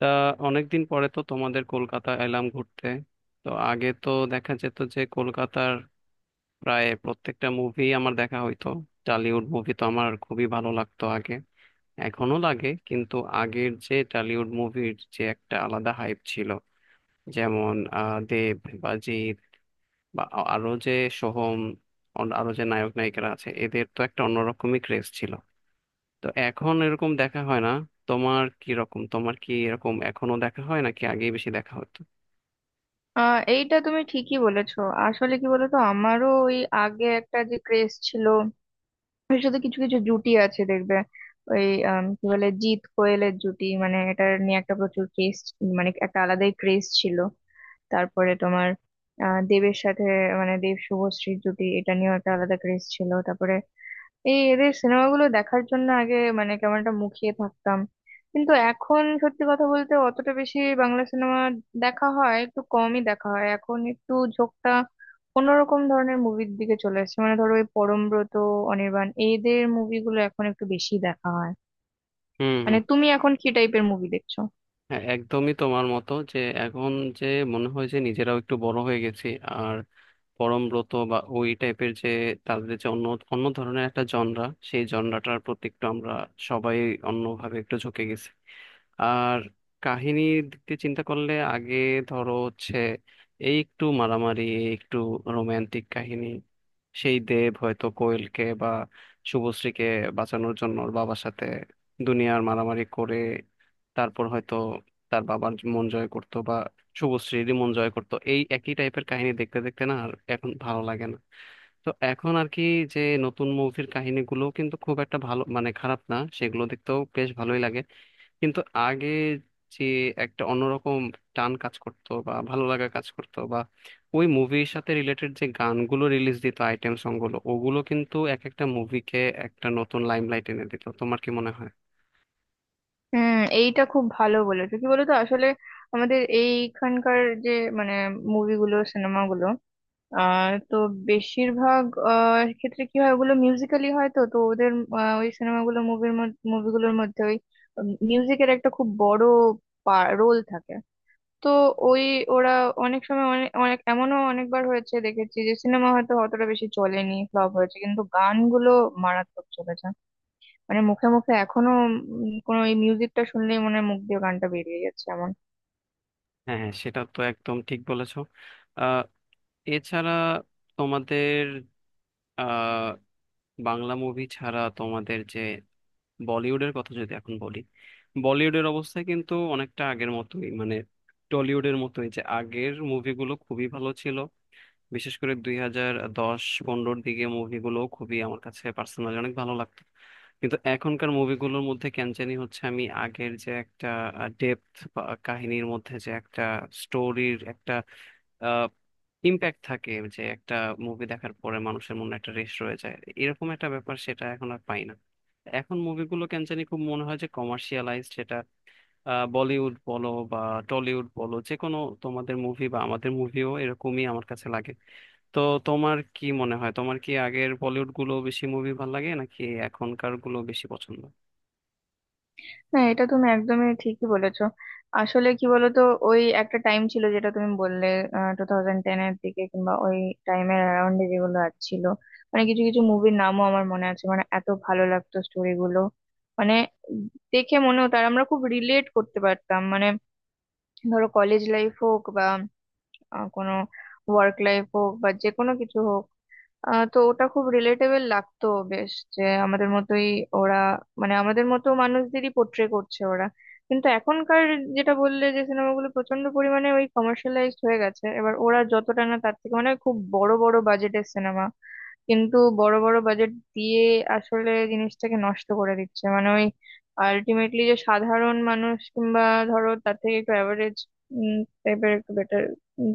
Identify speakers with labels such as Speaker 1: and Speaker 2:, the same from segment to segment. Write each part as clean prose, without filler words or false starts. Speaker 1: তা অনেকদিন পরে তো তোমাদের কলকাতা এলাম ঘুরতে। তো আগে তো দেখা যেত যে কলকাতার প্রায় প্রত্যেকটা মুভি আমার দেখা হইতো। টলিউড মুভি তো আমার খুবই ভালো লাগতো আগে, এখনো লাগে, কিন্তু আগের যে টলিউড মুভির যে একটা আলাদা হাইপ ছিল, যেমন দেব বা জিৎ বা আরো যে সোহম, আরো যে নায়ক নায়িকারা আছে, এদের তো একটা অন্যরকমই ক্রেজ ছিল। তো এখন এরকম দেখা হয় না। তোমার কি রকম, তোমার কি এরকম এখনো দেখা হয় নাকি আগেই বেশি দেখা হতো?
Speaker 2: এইটা তুমি ঠিকই বলেছো। আসলে কি বলতো, আমারও ওই আগে একটা যে ক্রেজ ছিল, এর সাথে কিছু কিছু জুটি আছে দেখবে ওই কি বলে, জিৎ কোয়েলের জুটি, মানে এটা নিয়ে একটা প্রচুর ক্রেজ, মানে একটা আলাদাই ক্রেজ ছিল। তারপরে তোমার দেবের সাথে, মানে দেব শুভশ্রীর জুটি, এটা নিয়েও একটা আলাদা ক্রেজ ছিল। তারপরে এই এদের সিনেমাগুলো দেখার জন্য আগে মানে কেমন একটা মুখিয়ে থাকতাম, কিন্তু এখন সত্যি কথা বলতে অতটা বেশি বাংলা সিনেমা দেখা হয়, একটু কমই দেখা হয়। এখন একটু ঝোঁকটা অন্যরকম ধরনের মুভির দিকে চলে এসেছে, মানে ধরো ওই পরমব্রত, অনির্বাণ, এদের মুভিগুলো এখন একটু বেশি দেখা হয়।
Speaker 1: হুম হুম।
Speaker 2: মানে তুমি এখন কি টাইপের মুভি দেখছো?
Speaker 1: হ্যাঁ একদমই তোমার মতো যে এখন যে মনে হয় যে নিজেরাও একটু বড় হয়ে গেছি। আর পরমব্রত বা ওই টাইপের যে তাদের যে অন্য অন্য ধরনের একটা জনরা, সেই জনরাটার প্রতি একটু আমরা সবাই অন্যভাবে একটু ঝুঁকে গেছি। আর কাহিনীর দিক দিয়ে চিন্তা করলে আগে ধরো হচ্ছে এই একটু মারামারি, এই একটু রোমান্টিক কাহিনী, সেই দেব হয়তো কোয়েলকে বা শুভশ্রীকে বাঁচানোর জন্য ওর বাবার সাথে দুনিয়ার মারামারি করে, তারপর হয়তো তার বাবার মন জয় করতো বা শুভশ্রীরই মন জয় করতো, এই একই টাইপের কাহিনী দেখতে দেখতে না আর এখন ভালো লাগে না। তো এখন আর কি, যে নতুন মুভির কাহিনীগুলো কিন্তু খুব একটা ভালো, মানে খারাপ না, সেগুলো দেখতেও বেশ ভালোই লাগে, কিন্তু আগে যে একটা অন্যরকম টান কাজ করতো বা ভালো লাগা কাজ করতো, বা ওই মুভির সাথে রিলেটেড যে গানগুলো রিলিজ দিত, আইটেম সংগুলো, ওগুলো কিন্তু এক একটা মুভিকে একটা নতুন লাইমলাইট এনে দিত। তোমার কি মনে হয়?
Speaker 2: হুম, এইটা খুব ভালো বলেছো। কি বলতো আসলে, আমাদের এইখানকার যে মানে মুভিগুলো, সিনেমাগুলো, তো বেশিরভাগ ক্ষেত্রে কি হয়, ওগুলো মিউজিক্যালি হয় তো, ওদের ওই সিনেমাগুলো, মুভিগুলোর মধ্যে ওই মিউজিকের একটা খুব বড় রোল থাকে। তো ওই ওরা অনেক সময় অনেক অনেক এমনও অনেকবার হয়েছে দেখেছি, যে সিনেমা হয়তো অতটা বেশি চলেনি, ফ্লপ হয়েছে, কিন্তু গানগুলো মারাত্মক চলেছে। মানে মুখে মুখে এখনো, কোনো এই মিউজিকটা শুনলেই মনে হয় মুখ দিয়ে গানটা বেরিয়ে যাচ্ছে এমন।
Speaker 1: হ্যাঁ হ্যাঁ, সেটা তো একদম ঠিক বলেছো। আহ এছাড়া তোমাদের, আহ বাংলা মুভি ছাড়া তোমাদের যে বলিউডের কথা যদি এখন বলি, বলিউডের অবস্থা কিন্তু অনেকটা আগের মতোই, মানে টলিউডের মতোই, যে আগের মুভিগুলো খুবই ভালো ছিল, বিশেষ করে 2010-15-র দিকে মুভিগুলো খুবই আমার কাছে পার্সোনালি অনেক ভালো লাগতো। কিন্তু এখনকার মুভিগুলোর মধ্যে কেন জানি হচ্ছে আমি আগের যে একটা ডেপথ, কাহিনীর মধ্যে যে একটা স্টোরির একটা ইম্প্যাক্ট থাকে, যে একটা মুভি দেখার পরে মানুষের মনে একটা রেশ রয়ে যায়, এরকম একটা ব্যাপার, সেটা এখন আর পাই না। এখন মুভিগুলো কেন জানি খুব মনে হয় যে কমার্শিয়ালাইজড, সেটা বলিউড বলো বা টলিউড বলো, যে কোনো তোমাদের মুভি বা আমাদের মুভিও এরকমই আমার কাছে লাগে। তো তোমার কি মনে হয়, তোমার কি আগের বলিউড গুলো বেশি মুভি ভালো লাগে নাকি এখনকার গুলো বেশি পছন্দ?
Speaker 2: না, এটা তুমি একদমই ঠিকই বলেছো। আসলে কি বলতো, ওই একটা টাইম ছিল যেটা তুমি বললে, 2010 এর দিকে, কিংবা ওই টাইমের অ্যারাউন্ডে, যেগুলো আর ছিল মানে কিছু কিছু মুভির নামও আমার মনে আছে, মানে এত ভালো লাগতো স্টোরিগুলো, মানে দেখে মনে হতো আর আমরা খুব রিলেট করতে পারতাম। মানে ধরো কলেজ লাইফ হোক বা কোনো ওয়ার্ক লাইফ হোক, বা যে কোনো কিছু হোক, তো ওটা খুব রিলেটেবল লাগতো। বেশ যে আমাদের মতোই ওরা, মানে আমাদের মতো মানুষদেরই পোট্রে করছে ওরা। কিন্তু এখনকার, যেটা বললে, যে সিনেমাগুলো প্রচন্ড পরিমাণে ওই কমার্শিয়ালাইজড হয়ে গেছে এবার, ওরা যতটা না তার থেকে মানে খুব বড় বড় বাজেটের সিনেমা, কিন্তু বড় বড় বাজেট দিয়ে আসলে জিনিসটাকে নষ্ট করে দিচ্ছে। মানে ওই আলটিমেটলি যে সাধারণ মানুষ, কিংবা ধরো তার থেকে একটু অ্যাভারেজ টাইপের, একটু বেটার,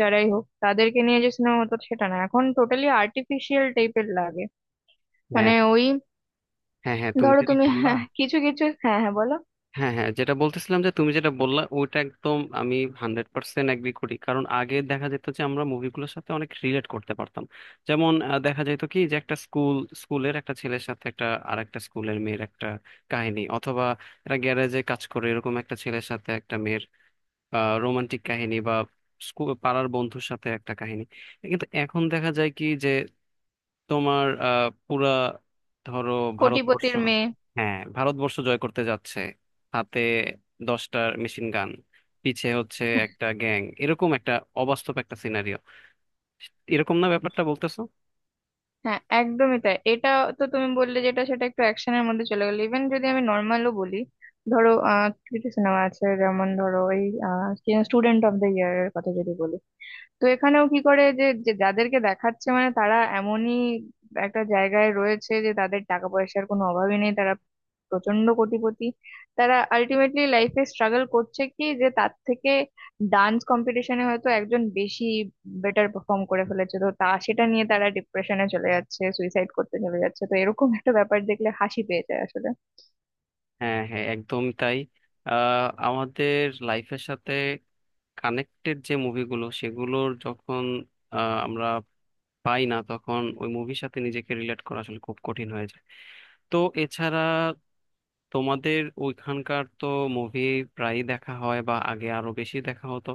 Speaker 2: যারাই হোক তাদেরকে নিয়ে যে সিনেমা হতো, সেটা না এখন টোটালি আর্টিফিশিয়াল টাইপের লাগে।
Speaker 1: হ্যাঁ
Speaker 2: মানে ওই
Speaker 1: হ্যাঁ হ্যাঁ, তুমি
Speaker 2: ধরো
Speaker 1: যেটা
Speaker 2: তুমি,
Speaker 1: বললা,
Speaker 2: হ্যাঁ, কিছু কিছু, হ্যাঁ হ্যাঁ বলো,
Speaker 1: হ্যাঁ হ্যাঁ, যেটা বলতেছিলাম যে তুমি যেটা বললা ওইটা একদম আমি হান্ড্রেড পার্সেন্ট এগ্রি করি। কারণ আগে দেখা যেত যে আমরা মুভিগুলোর সাথে অনেক রিলেট করতে পারতাম, যেমন দেখা যেত কি যে একটা স্কুল, স্কুলের একটা ছেলের সাথে একটা আরেকটা স্কুলের মেয়ের একটা কাহিনী, অথবা একটা গ্যারেজে কাজ করে এরকম একটা ছেলের সাথে একটা মেয়ের রোমান্টিক কাহিনী, বা স্কুল পাড়ার বন্ধুর সাথে একটা কাহিনী। কিন্তু এখন দেখা যায় কি, তোমার পুরা ধরো ভারতবর্ষ,
Speaker 2: কোটিপতির মেয়ে।
Speaker 1: হ্যাঁ ভারতবর্ষ জয় করতে যাচ্ছে, হাতে 10টার মেশিন গান, পিছে হচ্ছে একটা গ্যাং, এরকম একটা অবাস্তব একটা সিনারিও, এরকম না ব্যাপারটা বলতেছো?
Speaker 2: হ্যাঁ একদমই তাই, এটা। তো তুমি বললে যেটা, সেটা একটু অ্যাকশনের মধ্যে চলে গেলো, ইভেন যদি আমি নর্মালও বলি, ধরো কিছু সিনেমা আছে যেমন ধরো ওই স্টুডেন্ট অফ দ্য ইয়ার এর কথা যদি বলি, তো এখানেও কি করে যে যে যাদেরকে দেখাচ্ছে মানে তারা এমনই একটা জায়গায় রয়েছে যে তাদের টাকা পয়সার কোনো অভাবই নেই, তারা প্রচন্ড কোটিপতি, তারা আলটিমেটলি লাইফে স্ট্রাগল করছে কি, যে তার থেকে ডান্স কম্পিটিশনে হয়তো একজন বেশি বেটার পারফর্ম করে ফেলেছে, তো তা সেটা নিয়ে তারা ডিপ্রেশনে চলে যাচ্ছে, সুইসাইড করতে চলে যাচ্ছে। তো এরকম একটা ব্যাপার দেখলে হাসি পেয়ে যায় আসলে।
Speaker 1: হ্যাঁ হ্যাঁ একদম তাই। আমাদের লাইফের সাথে কানেক্টেড যে মুভিগুলো, সেগুলোর যখন আমরা পাই না, তখন ওই মুভির সাথে নিজেকে রিলেট করা আসলে খুব কঠিন হয়ে যায়। তো এছাড়া তোমাদের ওইখানকার তো মুভি প্রায়ই দেখা হয় বা আগে আরো বেশি দেখা হতো,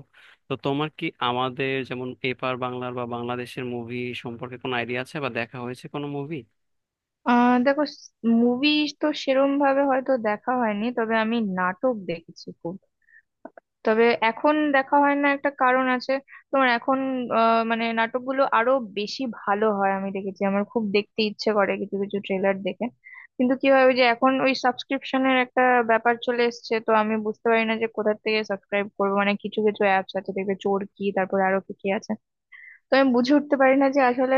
Speaker 1: তো তোমার কি আমাদের যেমন এপার বাংলার বা বাংলাদেশের মুভি সম্পর্কে কোনো আইডিয়া আছে বা দেখা হয়েছে কোনো মুভি?
Speaker 2: দেখো, মুভি তো সেরম ভাবে হয়তো দেখা হয়নি, তবে আমি নাটক দেখেছি খুব। তবে এখন দেখা হয় না, একটা কারণ আছে। তোমার এখন মানে নাটকগুলো আরো বেশি ভালো হয় আমি দেখেছি, আমার খুব দেখতে ইচ্ছে করে কিছু কিছু ট্রেলার দেখে, কিন্তু কি হয়, ওই যে এখন ওই সাবস্ক্রিপশনের একটা ব্যাপার চলে এসেছে, তো আমি বুঝতে পারি না যে কোথা থেকে সাবস্ক্রাইব করবো। মানে কিছু কিছু অ্যাপস আছে দেখবে, চরকি, তারপরে আরো কি কি আছে, তো আমি বুঝে উঠতে পারি না যে আসলে,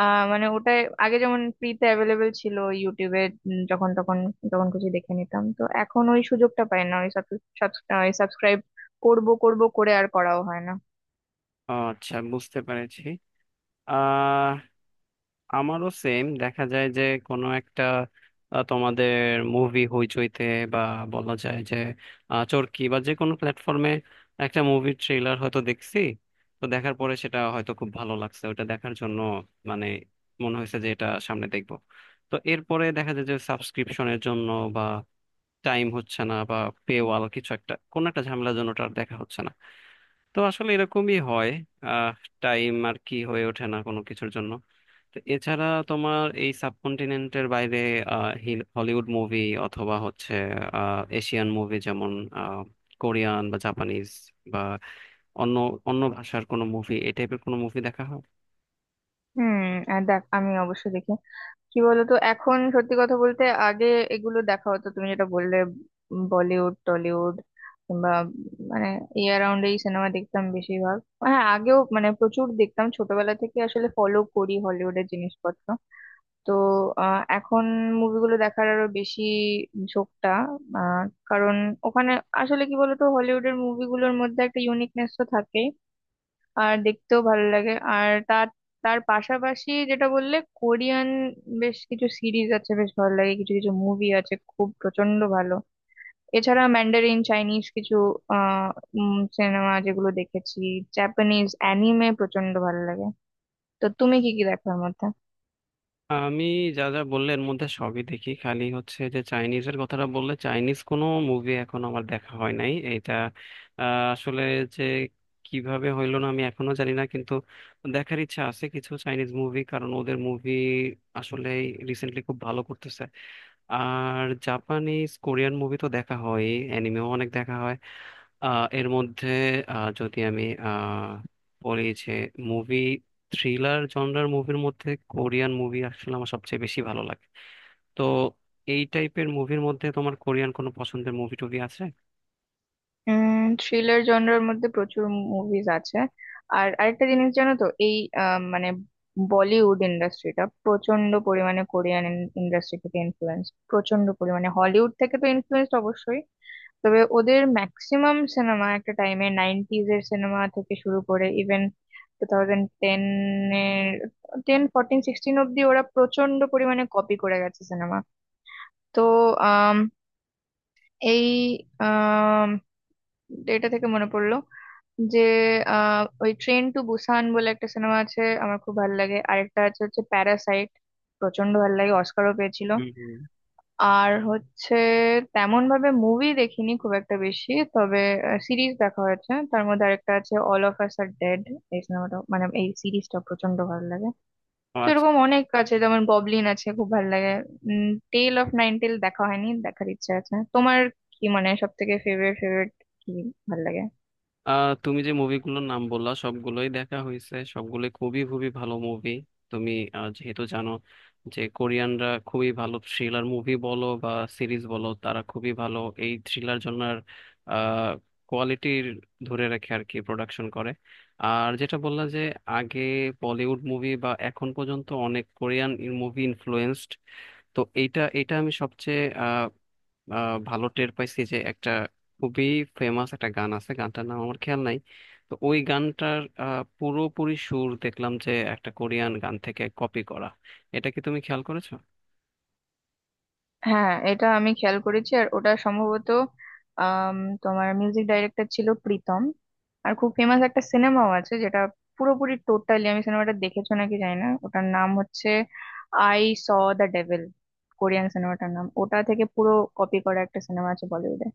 Speaker 2: মানে ওটা আগে যেমন ফ্রিতে অ্যাভেলেবেল ছিল ইউটিউবে, যখন তখন যখন খুশি দেখে নিতাম, তো এখন ওই সুযোগটা পাই না। ওই সাবস্ক্রাইব করব করব করে আর করাও হয় না।
Speaker 1: আচ্ছা, বুঝতে পেরেছি। আহ আমারও সেম দেখা যায় যে কোনো একটা তোমাদের মুভি হইচইতে বা বলা যায় যে চরকি বা যে কোনো প্ল্যাটফর্মে একটা মুভির ট্রেলার হয়তো দেখছি, তো দেখার পরে সেটা হয়তো খুব ভালো লাগছে ওটা দেখার জন্য, মানে মনে হয়েছে যে এটা সামনে দেখবো। তো এরপরে দেখা যায় যে সাবস্ক্রিপশনের জন্য বা টাইম হচ্ছে না বা পেওয়াল, কিছু একটা কোনো একটা ঝামেলার জন্য ওটা আর দেখা হচ্ছে না। তো আসলে এরকমই হয়, আহ টাইম আর কি হয়ে ওঠে না কোনো কিছুর জন্য। তো এছাড়া তোমার এই সাবকন্টিনেন্টের বাইরে হলিউড মুভি অথবা হচ্ছে এশিয়ান মুভি যেমন আহ, কোরিয়ান বা জাপানিজ বা অন্য অন্য ভাষার কোনো মুভি, এই টাইপের কোনো মুভি দেখা হয়?
Speaker 2: হুম, আর দেখ আমি অবশ্যই দেখি। কি বলতো এখন সত্যি কথা বলতে, আগে এগুলো দেখা হতো, তুমি যেটা বললে, বলিউড, টলিউড, কিংবা মানে এই অ্যারাউন্ড এই সিনেমা দেখতাম বেশিরভাগ। হ্যাঁ আগেও মানে প্রচুর দেখতাম, ছোটবেলা থেকে আসলে ফলো করি হলিউডের জিনিসপত্র। তো এখন মুভিগুলো দেখার আরো বেশি ঝোঁকটা, আহ, কারণ ওখানে আসলে কি বলতো, হলিউডের মুভিগুলোর মধ্যে একটা ইউনিকনেস তো থাকে, আর দেখতেও ভালো লাগে। আর তার তার পাশাপাশি যেটা বললে কোরিয়ান, বেশ কিছু সিরিজ আছে বেশ ভালো লাগে, কিছু কিছু মুভি আছে খুব প্রচন্ড ভালো। এছাড়া ম্যান্ডারিন চাইনিজ কিছু আহ সিনেমা যেগুলো দেখেছি, জাপানিজ অ্যানিমে প্রচন্ড ভালো লাগে। তো তুমি কি কি দেখো এর মধ্যে?
Speaker 1: আমি যা যা বললে এর মধ্যে সবই দেখি, খালি হচ্ছে যে চাইনিজের কথাটা বললে, চাইনিজ কোনো মুভি এখন আমার দেখা হয় নাই, এটা আসলে যে কিভাবে হইলো না আমি এখনো জানি না, কিন্তু দেখার ইচ্ছা আছে কিছু চাইনিজ মুভি, কারণ ওদের মুভি আসলে রিসেন্টলি খুব ভালো করতেছে। আর জাপানিজ কোরিয়ান মুভি তো দেখা হয়, অ্যানিমেও অনেক দেখা হয়। এর মধ্যে আহ, যদি আমি আহ, বলি যে মুভি, থ্রিলার জনরার মুভির মধ্যে কোরিয়ান মুভি আসলে আমার সবচেয়ে বেশি ভালো লাগে। তো এই টাইপের মুভির মধ্যে তোমার কোরিয়ান কোনো পছন্দের মুভি টুভি আছে?
Speaker 2: উম, থ্রিলার জনরার মধ্যে প্রচুর মুভিজ আছে। আর আরেকটা জিনিস জানো তো এই মানে বলিউড ইন্ডাস্ট্রিটা প্রচন্ড পরিমাণে কোরিয়ান ইন্ডাস্ট্রি থেকে ইনফ্লুয়েন্স, প্রচন্ড পরিমাণে হলিউড থেকে তো ইনফ্লুয়েন্স অবশ্যই। তবে ওদের ম্যাক্সিমাম সিনেমা একটা টাইমে, 90s এর সিনেমা থেকে শুরু করে ইভেন 2010 এর, 10, 14, 16 অব্দি, ওরা প্রচন্ড পরিমাণে কপি করে গেছে সিনেমা। তো আম, এই এটা থেকে মনে পড়লো যে ওই ট্রেন টু বুসান বলে একটা সিনেমা আছে আমার খুব ভালো লাগে। আরেকটা আছে হচ্ছে প্যারাসাইট, প্রচন্ড ভালো লাগে, অস্কারও পেয়েছিল।
Speaker 1: হুম হুম।
Speaker 2: আর হচ্ছে তেমন ভাবে মুভি দেখিনি খুব একটা বেশি, তবে সিরিজ দেখা হয়েছে, তার মধ্যে আরেকটা আছে all of us are dead, এই সিনেমাটা, মানে এই সিরিজটা প্রচন্ড ভালো লাগে। তো এরকম অনেক আছে, যেমন ববলিন আছে খুব ভালো লাগে। উম, টেল অফ নাইন টেল দেখা হয়নি, দেখার ইচ্ছা আছে। তোমার কি মানে সব থেকে ফেভারিট ফেভারিট কি ভালো লাগে?
Speaker 1: আহ, তুমি যে মুভিগুলোর নাম বললা সবগুলোই দেখা হয়েছে, সবগুলোই খুবই খুবই ভালো মুভি। তুমি যেহেতু জানো যে কোরিয়ানরা খুবই ভালো, থ্রিলার মুভি বলো বা সিরিজ বলো, তারা খুবই ভালো এই থ্রিলার জনার কোয়ালিটির ধরে রাখে আর কি, প্রোডাকশন করে। আর যেটা বললা যে আগে বলিউড মুভি বা এখন পর্যন্ত অনেক কোরিয়ান মুভি ইনফ্লুয়েন্সড, তো এইটা, এটা আমি সবচেয়ে ভালো টের পাইছি যে একটা খুবই ফেমাস একটা গান আছে, গানটার নাম আমার খেয়াল নাই, তো ওই গানটার পুরোপুরি সুর দেখলাম যে একটা কোরিয়ান গান থেকে কপি করা। এটা কি তুমি খেয়াল করেছো?
Speaker 2: হ্যাঁ এটা আমি খেয়াল করেছি। আর ওটা সম্ভবত আম, তোমার মিউজিক ডাইরেক্টর ছিল প্রীতম। আর খুব ফেমাস একটা সিনেমাও আছে যেটা পুরোপুরি টোটালি, আমি সিনেমাটা দেখেছো নাকি জানি না, ওটার নাম হচ্ছে I saw the devil, Korean সিনেমাটার নাম, ওটা থেকে পুরো কপি করা একটা সিনেমা আছে বলিউডে।